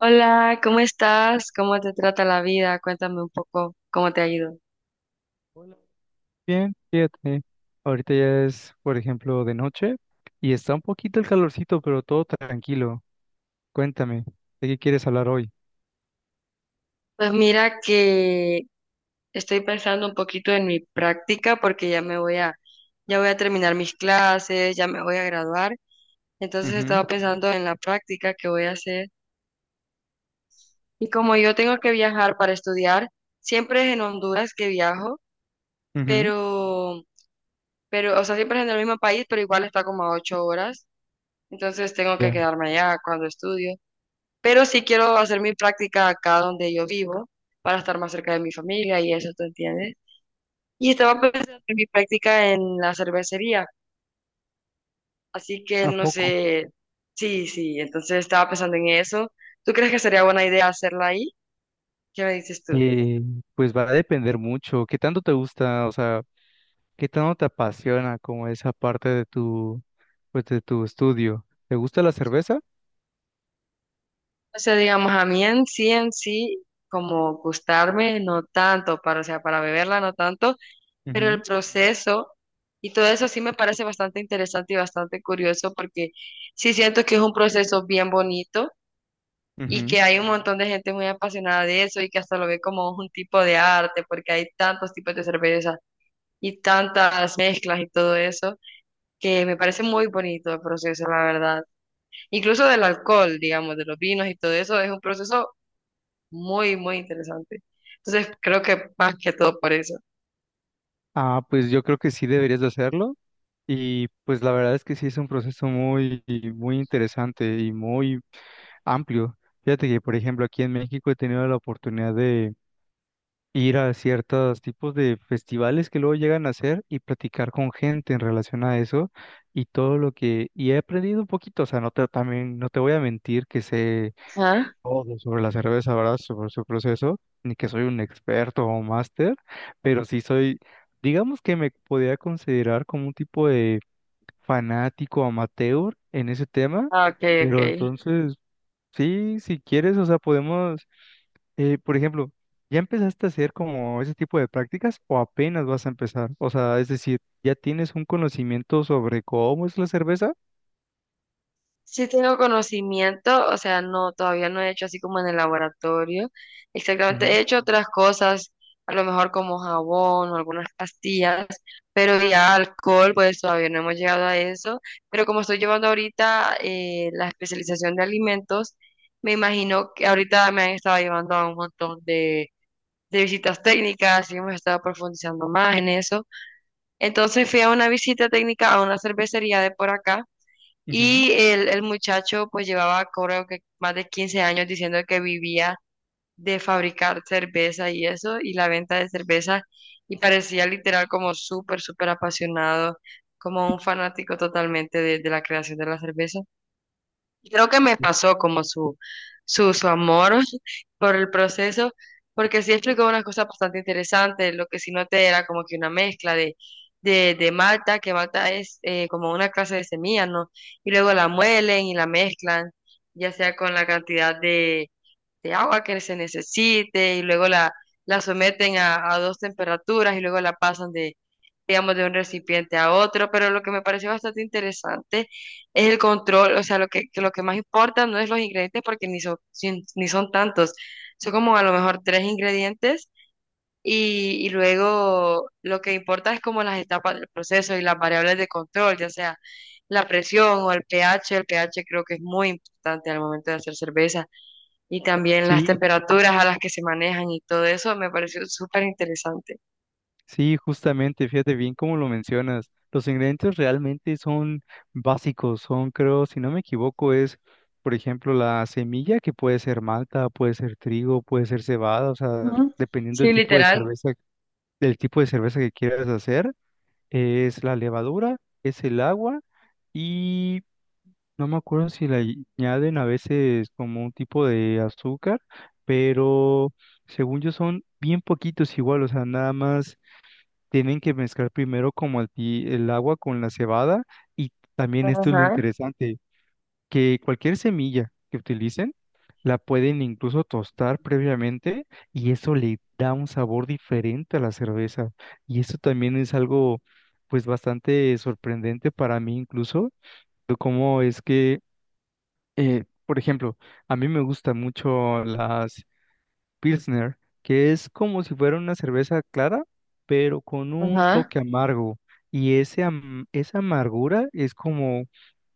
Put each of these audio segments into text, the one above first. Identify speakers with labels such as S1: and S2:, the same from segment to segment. S1: Hola, ¿cómo estás? ¿Cómo te trata la vida? Cuéntame un poco cómo te ha ido.
S2: Hola. Bien, fíjate. Ahorita ya es, por ejemplo, de noche y está un poquito el calorcito, pero todo tranquilo. Cuéntame, ¿de qué quieres hablar hoy?
S1: Pues mira que estoy pensando un poquito en mi práctica porque ya voy a terminar mis clases, ya me voy a graduar. Entonces
S2: Ujú,
S1: estaba pensando en la práctica que voy a hacer. Y como yo tengo que viajar para estudiar, siempre es en Honduras que viajo,
S2: ujú.
S1: pero, pero, o sea, siempre es en el mismo país, pero igual está como a 8 horas. Entonces tengo que
S2: Ya.
S1: quedarme allá cuando estudio. Pero sí quiero hacer mi práctica acá donde yo vivo para estar más cerca de mi familia y eso, ¿tú entiendes? Y estaba pensando en mi práctica en la cervecería, así que
S2: ¿A
S1: no
S2: poco?
S1: sé. Sí, sí, entonces estaba pensando en eso. ¿Tú crees que sería buena idea hacerla ahí? ¿Qué me dices tú?
S2: Eh, pues va a depender mucho. ¿Qué tanto te gusta? O sea, ¿qué tanto te apasiona como esa parte de tu, pues, de tu estudio? ¿Te gusta la cerveza?
S1: O sea, digamos, a mí en sí, como gustarme, no tanto, para, o sea, para beberla, no tanto. Pero el
S2: Ujú,
S1: proceso y todo eso sí me parece bastante interesante y bastante curioso, porque sí siento que es un proceso bien bonito y
S2: ujú.
S1: que hay un montón de gente muy apasionada de eso y que hasta lo ve como un tipo de arte, porque hay tantos tipos de cerveza y tantas mezclas y todo eso, que me parece muy bonito el proceso, la verdad. Incluso del alcohol, digamos, de los vinos y todo eso, es un proceso muy, muy interesante. Entonces creo que más que todo por eso.
S2: Ah, pues yo creo que sí deberías de hacerlo. Y pues la verdad es que sí es un proceso muy interesante y muy amplio. Fíjate que, por ejemplo, aquí en México he tenido la oportunidad de ir a ciertos tipos de festivales que luego llegan a hacer y platicar con gente en relación a eso y todo lo que... Y he aprendido un poquito, o sea, no te, también, no te voy a mentir que sé
S1: Ajá.
S2: todo sobre la cerveza, ¿verdad? Sobre su proceso, ni que soy un experto o máster, pero sí soy, digamos que me podría considerar como un tipo de fanático amateur en ese tema.
S1: Ah, ok, ok.
S2: Pero entonces, sí, si quieres, o sea, podemos, por ejemplo, ¿ya empezaste a hacer como ese tipo de prácticas o apenas vas a empezar? O sea, es decir, ¿ya tienes un conocimiento sobre cómo es la cerveza?
S1: Sí tengo conocimiento, o sea, no, todavía no he hecho así como en el laboratorio. Exactamente,
S2: Ujú,
S1: he hecho otras cosas, a lo mejor como jabón o algunas pastillas, pero ya alcohol, pues todavía no hemos llegado a eso. Pero como estoy llevando ahorita la especialización de alimentos, me imagino que ahorita me han estado llevando a un montón de visitas técnicas y hemos estado profundizando más en eso. Entonces fui a una visita técnica a una cervecería de por acá
S2: ujú.
S1: y el muchacho pues llevaba creo que más de 15 años diciendo que vivía de fabricar cerveza y eso, y la venta de cerveza, y parecía literal como súper, súper apasionado, como un fanático totalmente de la creación de la cerveza. Creo que me pasó como su amor por el proceso, porque sí explicó unas cosas bastante interesantes. Lo que sí noté era como que una mezcla de malta, que malta es como una clase de semilla, ¿no? Y luego la muelen y la mezclan, ya sea con la cantidad de agua que se necesite, y luego la someten a dos temperaturas, y luego la pasan de, digamos, de un recipiente a otro. Pero lo que me pareció bastante interesante es el control, o sea, que lo que más importa no es los ingredientes, porque ni son, ni son tantos, son como a lo mejor tres ingredientes, y luego lo que importa es como las etapas del proceso y las variables de control, ya sea la presión o el pH. El pH creo que es muy importante al momento de hacer cerveza, y también las
S2: Sí,
S1: temperaturas a las que se manejan, y todo eso me pareció súper interesante.
S2: sí, justamente, fíjate bien cómo lo mencionas. Los ingredientes realmente son básicos, son, creo, si no me equivoco, es, por ejemplo, la semilla, que puede ser malta, puede ser trigo, puede ser cebada, o sea,
S1: Ujú.
S2: dependiendo del
S1: Sí,
S2: tipo de
S1: literal.
S2: cerveza, que quieras hacer. Es la levadura, es el agua y no me acuerdo si le añaden a veces como un tipo de azúcar, pero según yo son bien poquitos igual, o sea, nada más tienen que mezclar primero como el agua con la cebada y también esto es lo
S1: Ajá,
S2: interesante, que cualquier semilla que utilicen la pueden incluso tostar previamente y eso le da un sabor diferente a la cerveza. Y eso también es algo pues bastante sorprendente para mí incluso, de cómo es que, por ejemplo, a mí me gusta mucho las Pilsner, que es como si fuera una cerveza clara, pero con un
S1: ajá.
S2: toque amargo. Y esa amargura es como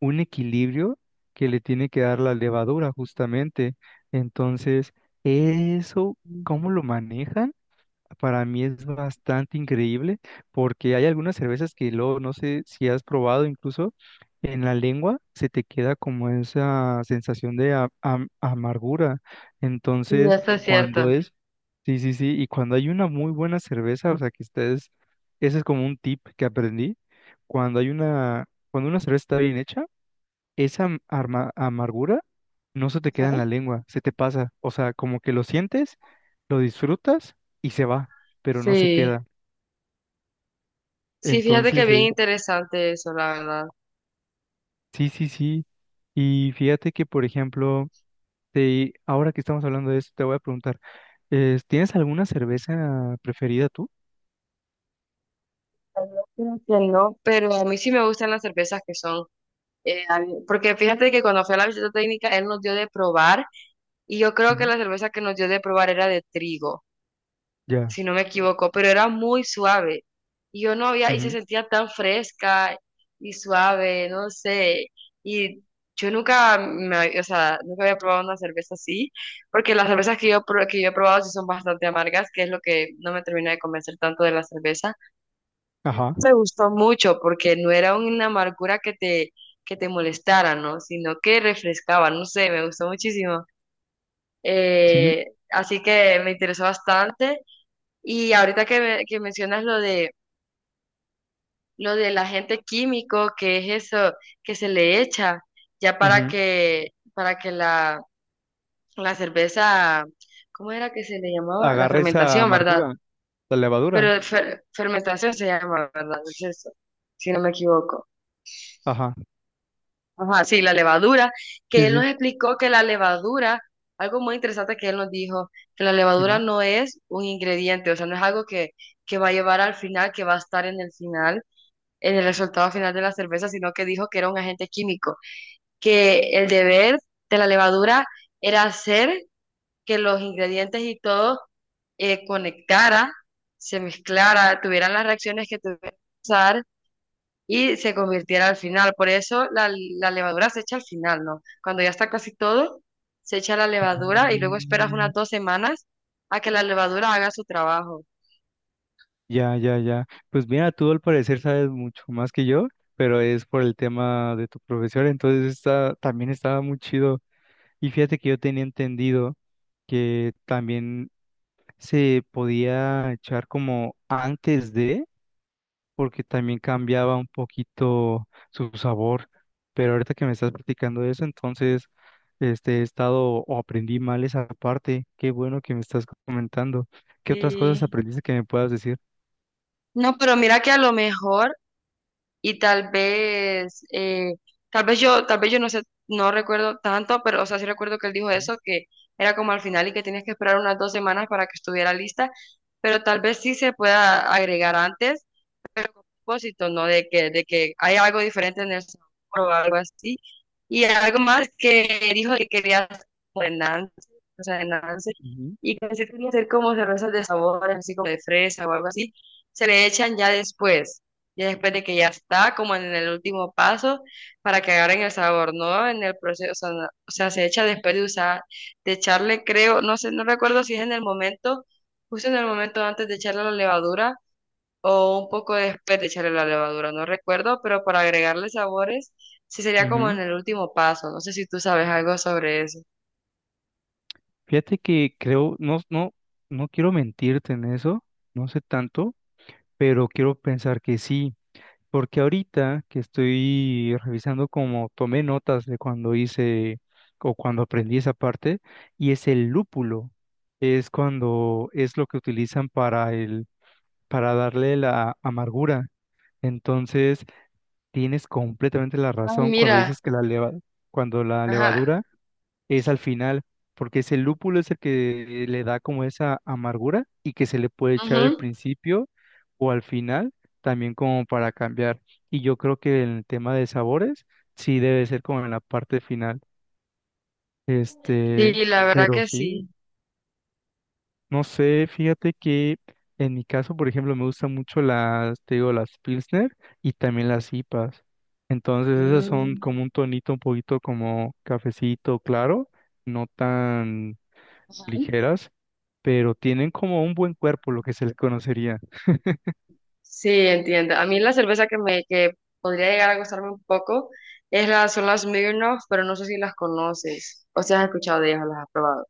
S2: un equilibrio que le tiene que dar la levadura, justamente. Entonces, eso,
S1: Sí,
S2: ¿cómo lo manejan? Para mí es bastante increíble porque hay algunas cervezas que luego no sé si has probado incluso en la lengua se te queda como esa sensación de amargura. Entonces,
S1: eso es
S2: cuando
S1: cierto.
S2: es, sí, y cuando hay una muy buena cerveza, o sea que ustedes, ese es como un tip que aprendí, cuando hay una, cuando una cerveza está bien hecha, esa amargura no se te queda
S1: Ajá.
S2: en la lengua, se te pasa. O sea, como que lo sientes, lo disfrutas y se va, pero no se
S1: Sí.
S2: queda.
S1: Sí, fíjate que
S2: Entonces,
S1: bien
S2: eh,
S1: interesante eso, la verdad.
S2: sí. Y fíjate que, por ejemplo, te, ahora que estamos hablando de esto, te voy a preguntar, ¿tienes alguna cerveza preferida tú?
S1: Creo que no, pero a mí sí me gustan las cervezas que son, porque fíjate que cuando fui a la visita técnica, él nos dio de probar, y yo creo que
S2: Ujú.
S1: la cerveza que nos dio de probar era de trigo,
S2: Ya.
S1: si no me equivoco, pero era muy suave. Y yo no había, y se
S2: Ujú.
S1: sentía tan fresca y suave, no sé. Y yo nunca me, o sea, nunca había probado una cerveza así, porque las cervezas que yo he probado sí son bastante amargas, que es lo que no me termina de convencer tanto de la cerveza.
S2: Ajá.
S1: Me gustó mucho porque no era una amargura que te molestara, ¿no? Sino que refrescaba, no sé, me gustó muchísimo.
S2: Sí.
S1: Eh, Así que me interesó bastante. Y ahorita que mencionas lo del agente químico, que es eso que se le echa ya para
S2: Ujú.
S1: que para que la, la cerveza, ¿cómo era que se le llamaba? La
S2: Agarra esa
S1: fermentación, ¿verdad?
S2: amargura, la
S1: Pero
S2: levadura.
S1: fermentación se llama, ¿verdad? Es eso, si no me equivoco.
S2: Ajá.
S1: Ajá, sí, la levadura, que
S2: Sí,
S1: él nos
S2: sí.
S1: explicó que la levadura, algo muy interesante que él nos dijo, que la levadura
S2: Ujú.
S1: no es un ingrediente, o sea, no es algo que va a llevar al final, que va a estar en el resultado final de la cerveza, sino que dijo que era un agente químico, que el deber de la levadura era hacer que los ingredientes y todo conectara, se mezclara, tuvieran las reacciones que tuvieran que pasar y se convirtiera al final. Por eso la levadura se echa al final, ¿no? Cuando ya está casi todo, se echa la
S2: Ah,
S1: levadura y luego esperas unas 2 semanas a que la levadura haga su trabajo.
S2: Ya. Pues mira, tú al parecer sabes mucho más que yo, pero es por el tema de tu profesor, entonces está, también estaba muy chido. Y fíjate que yo tenía entendido que también se podía echar como antes de, porque también cambiaba un poquito su sabor. Pero ahorita que me estás platicando eso, entonces este, he estado o aprendí mal esa parte. Qué bueno que me estás comentando. ¿Qué otras cosas
S1: Sí.
S2: aprendiste que me puedas decir?
S1: No, pero mira que a lo mejor y tal vez, tal vez yo no sé, no recuerdo tanto, pero o sea, sí recuerdo que él dijo eso, que era como al final y que tenías que esperar unas 2 semanas para que estuviera lista, pero tal vez sí se pueda agregar antes, pero con propósito, ¿no? De que hay algo diferente en el sabor o algo así. Y algo más que dijo que quería hacer como de Nancy, o sea, de Nancy, y que sí quería hacer como cervezas de sabor, así como de fresa o algo así, se le echan ya después de que ya está, como en el último paso, para que agarren el sabor, ¿no? En el proceso, o sea, o sea, se echa después de usar, de echarle, creo, no sé, no recuerdo si es en el momento, justo en el momento antes de echarle la levadura o un poco después de echarle la levadura, no recuerdo, pero para agregarle sabores, sí sería
S2: Ujú. Ujú.
S1: como en el último paso. No sé si tú sabes algo sobre.
S2: Fíjate que creo, no, no quiero mentirte en eso, no sé tanto, pero quiero pensar que sí, porque ahorita que estoy revisando como tomé notas de cuando hice o cuando aprendí esa parte, y es el lúpulo, es cuando es lo que utilizan para darle la amargura. Entonces, tienes completamente la
S1: Ah,
S2: razón cuando
S1: mira,
S2: dices que cuando la
S1: ajá.
S2: levadura es al final, porque ese lúpulo es el que le da como esa amargura y que se le puede echar al
S1: Ujú.
S2: principio o al final, también como para cambiar. Y yo creo que el tema de sabores sí debe ser como en la parte final. Este,
S1: Sí, la verdad
S2: pero
S1: que
S2: sí,
S1: sí.
S2: no sé, fíjate que en mi caso, por ejemplo, me gustan mucho las, te digo, las Pilsner y también las IPAs. Entonces esas son
S1: Mm.
S2: como un tonito un poquito como cafecito claro, no tan ligeras pero tienen como un buen cuerpo, lo que se le conocería.
S1: Sí, entiendo. A mí la cerveza que podría llegar a gustarme un poco es son las Smirnoff, pero no sé si las conoces o si has escuchado de ellas o las has probado.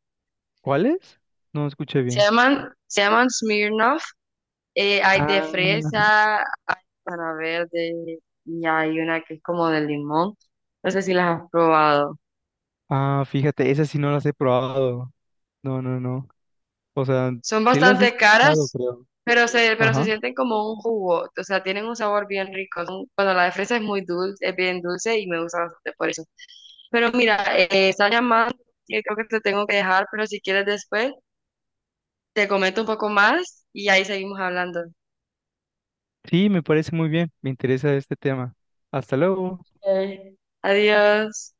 S2: ¿Cuáles? No escuché
S1: Se
S2: bien.
S1: llaman, se llaman Smirnoff. Hay de
S2: Ah,
S1: fresa, hay para verde y hay una que es como de limón. No sé si las has probado.
S2: ah, fíjate, esas sí no las he probado. No. O sea,
S1: Son
S2: sí las he
S1: bastante
S2: escuchado,
S1: caras,
S2: creo.
S1: pero se
S2: Ajá.
S1: sienten como un jugo. O sea, tienen un sabor bien rico. Bueno, la de fresa es muy dulce, es bien dulce y me gusta bastante por eso. Pero mira, está llamando, y creo que te tengo que dejar, pero si quieres después, te comento un poco más y ahí seguimos hablando.
S2: Sí, me parece muy bien. Me interesa este tema. Hasta luego.
S1: Ok. Adiós.